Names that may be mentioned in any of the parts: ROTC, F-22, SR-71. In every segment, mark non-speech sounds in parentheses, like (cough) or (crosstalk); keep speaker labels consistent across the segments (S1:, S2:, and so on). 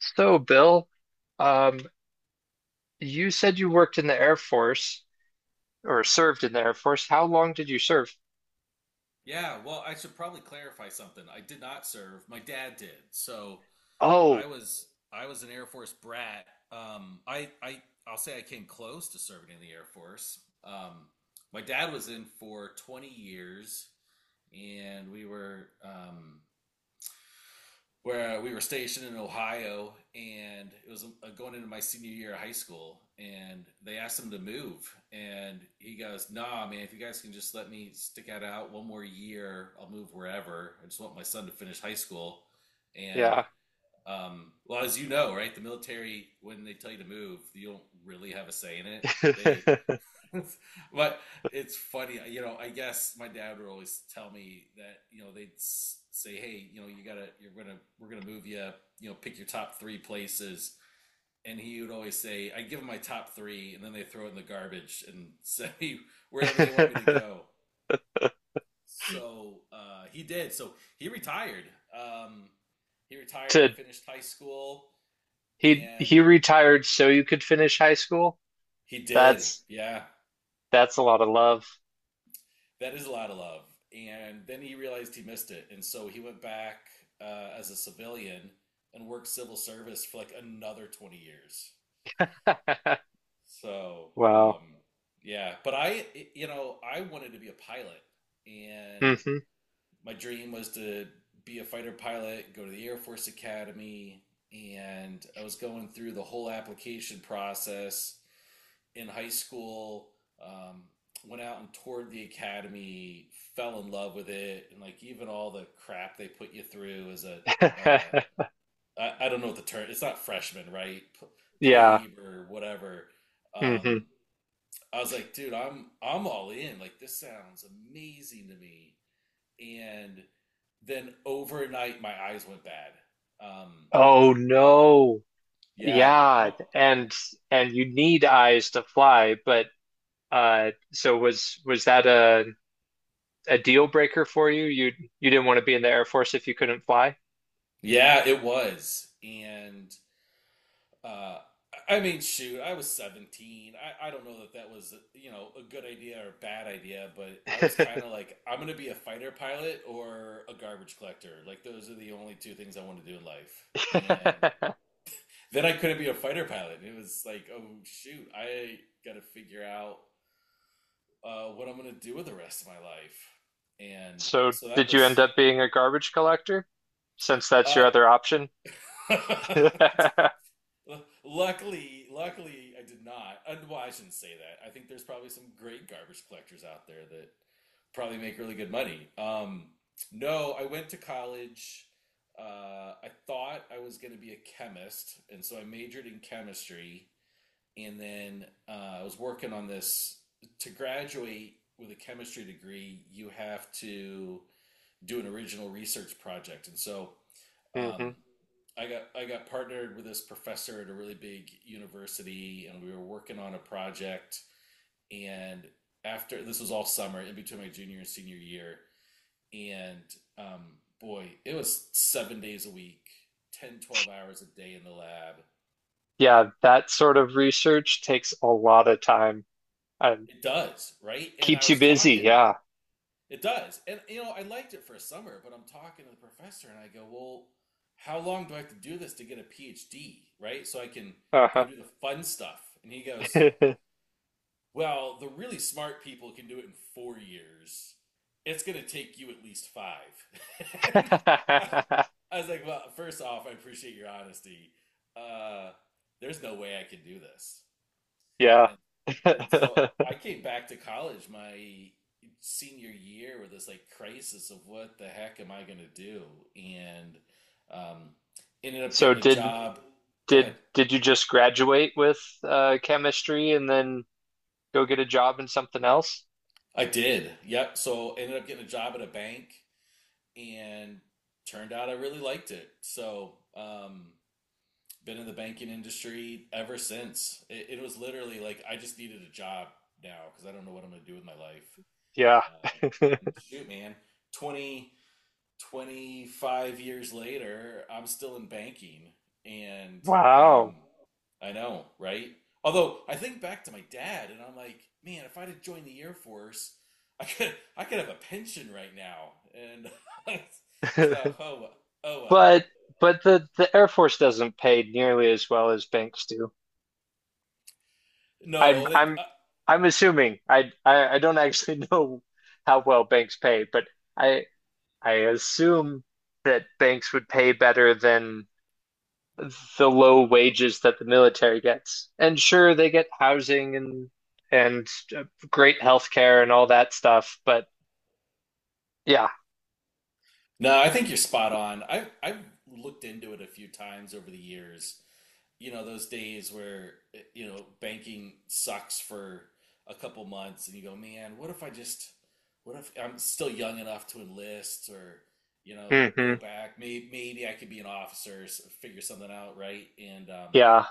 S1: So, Bill, um, you said you worked in the Air Force or served in the Air Force. How long did you serve?
S2: Yeah, well, I should probably clarify something. I did not serve. My dad did. So
S1: Oh,
S2: I was I was an Air Force brat. I'll say I came close to serving in the Air Force. My dad was in for 20 years, and we were where we were stationed in Ohio, and it was going into my senior year of high school, and they asked him to move, and he goes, "Nah, man, if you guys can just let me stick it out one more year, I'll move wherever. I just want my son to finish high school." And
S1: yeah.
S2: well, as you know, right, the military when they tell you to move, you don't really have a say in it. They
S1: (laughs)
S2: (laughs) but it's funny. I guess my dad would always tell me that they'd say, "Hey, you know, you gotta, you're gonna, we're gonna move you. You know, pick your top three places." And he would always say, "I give them my top three, and then they throw it in the garbage and say (laughs) wherever they want me to go." So he did. So he retired. Um, he retired. I
S1: To
S2: finished high school,
S1: he
S2: and
S1: he retired so you could finish high school?
S2: he did.
S1: That's
S2: Yeah.
S1: that's a lot of love.
S2: That is a lot of love. And then he realized he missed it. And so he went back as a civilian and worked civil service for like another 20 years.
S1: (laughs)
S2: So,
S1: Wow.
S2: yeah. But I wanted to be a pilot. And
S1: hmm
S2: my dream was to be a fighter pilot, go to the Air Force Academy. And I was going through the whole application process in high school. Um, went out and toured the academy, fell in love with it, and like even all the crap they put you through as a uh,
S1: (laughs)
S2: I don't know what the term, it's not freshman, right,
S1: Yeah.
S2: plebe or whatever.
S1: hmm
S2: Um, I was like, dude, I'm all in. Like, this sounds amazing to me. And then overnight, my eyes went bad. Um,
S1: Oh no.
S2: yeah,
S1: Yeah,
S2: my,
S1: and you need eyes to fly, but so was that a deal breaker for you? You didn't want to be in the Air Force if you couldn't fly.
S2: yeah, it was. And Uh, I mean, shoot, I was 17. I don't know that that was, a good idea or a bad idea, but I was kind of like, I'm going to be a fighter pilot or a garbage collector. Like, those are the only two things I want to do in life. And
S1: (laughs)
S2: then I couldn't be a fighter pilot. It was like, oh, shoot, I got to figure out what I'm going to do with the rest of my life. And
S1: So
S2: so that
S1: did you end
S2: was,
S1: up being a garbage collector since that's your
S2: uh,
S1: other option? (laughs) hmm
S2: (laughs) luckily, I did not. Well, I shouldn't say that. I think there's probably some great garbage collectors out there that probably make really good money. No, I went to college. I thought I was going to be a chemist, and so I majored in chemistry. And then I was working on this. To graduate with a chemistry degree, you have to do an original research project. And so um, I got partnered with this professor at a really big university, and we were working on a project. And after, this was all summer, in between my junior and senior year, and um, boy, it was 7 days a week, 10, 12 hours a day in the lab.
S1: Yeah, that sort of research takes a lot of time and
S2: It does, right? And
S1: keeps you busy. Yeah.
S2: it does. And, I liked it for a summer, but I'm talking to the professor and I go, "Well, how long do I have to do this to get a PhD, right? So I can go
S1: Uh-huh.
S2: do the fun stuff." And he goes, "Well, the really smart people can do it in 4 years. It's going to take you at least five." (laughs) And
S1: (laughs)
S2: I was like, "Well, first off, I appreciate your honesty. Uh, there's no way I can do this."
S1: Yeah.
S2: And, and so
S1: (laughs)
S2: I came back to college my senior year with this like crisis of, what the heck am I going to do? And um, ended up
S1: So
S2: getting a
S1: did
S2: job. Go ahead.
S1: did did you just graduate with chemistry and then go get a job in something else?
S2: I did. Yep. So ended up getting a job at a bank, and turned out I really liked it. So, been in the banking industry ever since. It was literally like I just needed a job now because I don't know what I'm going to do with my life.
S1: Yeah.
S2: Um, and
S1: (laughs)
S2: shoot, man, 20, 25 years later, I'm still in banking. And
S1: Wow.
S2: um, I know, right? Although I think back to my dad and I'm like, man, if I'd have joined the Air Force, I could have a pension right now. And (laughs) so,
S1: (laughs)
S2: oh well.
S1: But the Air Force doesn't pay nearly as well as banks do. I'm
S2: No, they,
S1: I'm I'm assuming. I don't actually (laughs) know how well banks pay, but I I assume that banks would pay better than the low wages that the military gets. And sure, they get housing and uh, great healthcare and all that stuff, but yeah.
S2: no, I think you're spot on. I've looked into it a few times over the years, those days where banking sucks for a couple months, and you go, man, what if I'm still young enough to enlist, or go
S1: hmm
S2: back. Maybe, I could be an officer, figure something out, right? And
S1: Yeah.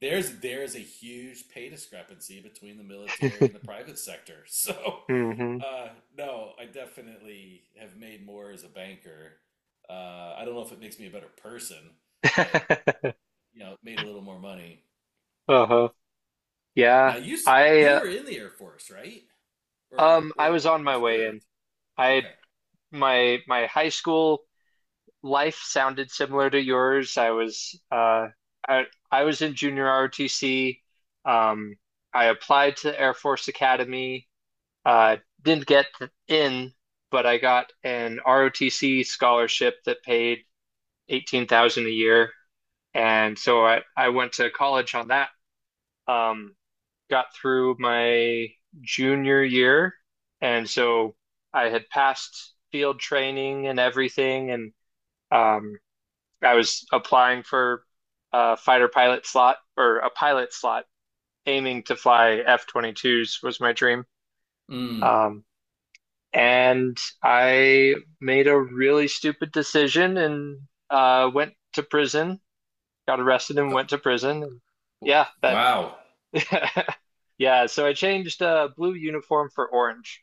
S2: there's a huge pay discrepancy between the military and the
S1: (laughs)
S2: private sector. (laughs) So
S1: hmm
S2: uh, no, I definitely have made more as a banker. I don't know if it makes me a better person, but
S1: (laughs)
S2: made a little more money.
S1: Uh-huh. Yeah,
S2: Now you
S1: I
S2: you
S1: uh,
S2: were in the Air Force, right? Or
S1: I was
S2: or
S1: on
S2: you
S1: my way in.
S2: served.
S1: I
S2: Okay.
S1: my high school life sounded similar to yours. I was I I was in junior ROTC. Um I applied to Air Force Academy. Uh didn't get in, but I got an ROTC scholarship that paid 18,000 a year. And so I went to college on that. Um got through my junior year. And so I had passed field training and everything. And um, I was applying for a fighter pilot slot or a pilot slot, aiming to fly F-22s was my dream.
S2: Mm.
S1: Um, and I made a really stupid decision and went to prison, got arrested and
S2: Uh,
S1: went to prison. And
S2: w-
S1: yeah, that,
S2: Wow.
S1: (laughs) yeah. So I changed blue uniform for orange.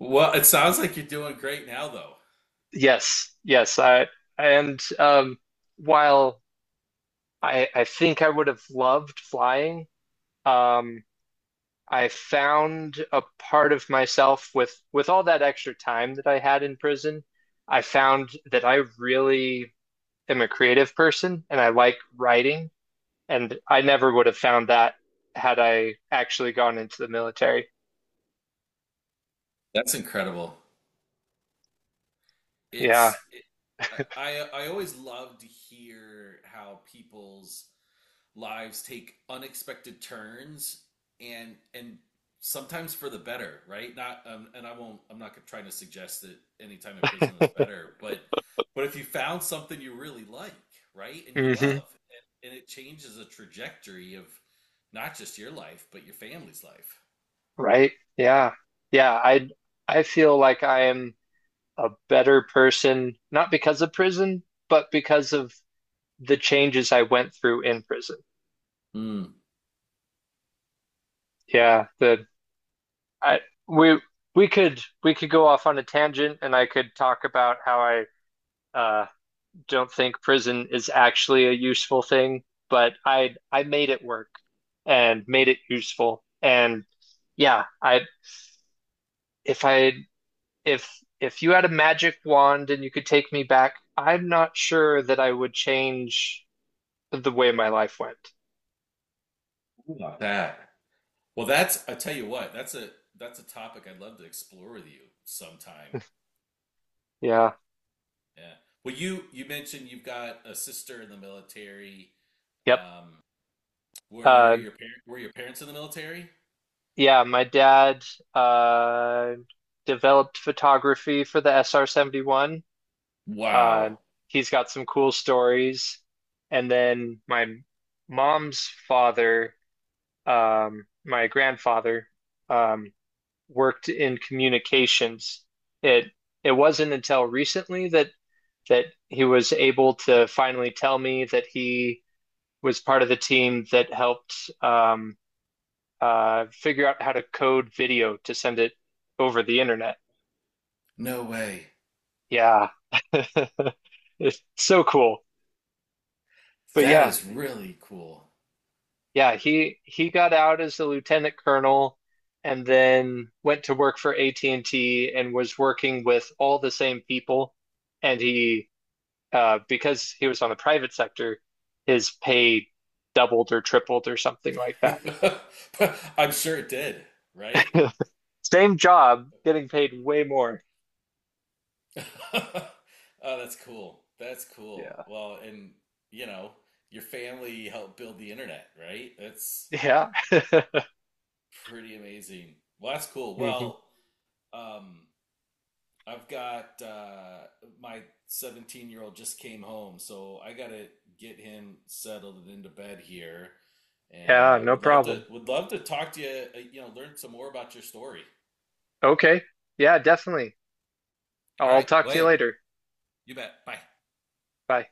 S2: Well, it sounds like you're doing great now, though.
S1: Yes, yes. I and while I think I would have loved flying, um, I found a part of myself with all that extra time that I had in prison. I found that I really am a creative person and I like writing, and I never would have found that had I actually gone into the military.
S2: That's incredible.
S1: Yeah.
S2: It's it, I always love to hear how people's lives take unexpected turns, and sometimes for the better, right? Not, and I won't. I'm not trying to suggest that any time in prison was better,
S1: (laughs)
S2: but if you found something you really like, right, and you
S1: hmm
S2: love, and it changes the trajectory of not just your life but your family's life.
S1: Right. Yeah. Yeah. I feel like I am. A better person, not because of prison, but because of the changes I went through in prison.
S2: Mm,
S1: Yeah, the I we we could go off on a tangent and I could talk about how I uh don't think prison is actually a useful thing, but I made it work and made it useful. And yeah, I if I if if you had a magic wand and you could take me back, I'm not sure that I would change the way my life went.
S2: about that. Well, that's, I tell you what, that's a topic I'd love to explore with you sometime.
S1: Yeah.
S2: Yeah. Well, you mentioned you've got a sister in the military.
S1: Yep.
S2: Um, were
S1: Uh,
S2: your parents were your parents in the military?
S1: yeah, my dad uh, developed photography for the SR-71. Uh,
S2: Wow.
S1: he's got some cool stories. And then my mom's father, my grandfather, um, worked in communications. It it wasn't until recently that that he was able to finally tell me that he was part of the team that helped figure out how to code video to send it over the internet.
S2: No way.
S1: Yeah. (laughs) It's so cool. But
S2: That
S1: yeah,
S2: is really cool. (laughs)
S1: yeah, he got out as a lieutenant colonel and then went to work for AT&T and T and was working with all the same people. And he because he was on the private sector, his pay doubled or tripled or something like that.
S2: But I'm sure it did, right?
S1: (laughs) Same job, getting paid way more.
S2: (laughs) Oh, that's cool. That's cool.
S1: Yeah.
S2: Well, and you know, your family helped build the internet, right? That's
S1: Yeah.
S2: pretty amazing. Well, that's cool.
S1: (laughs) hmm
S2: Well, um, I've got my 17-year-old just came home, so I gotta get him settled and into bed here. And
S1: Yeah, no
S2: would love to
S1: problem.
S2: would love to talk to you. Learn some more about your story.
S1: Okay. Yeah, definitely.
S2: All
S1: I'll
S2: right,
S1: talk to you
S2: Wade.
S1: later.
S2: You bet. Bye.
S1: Bye.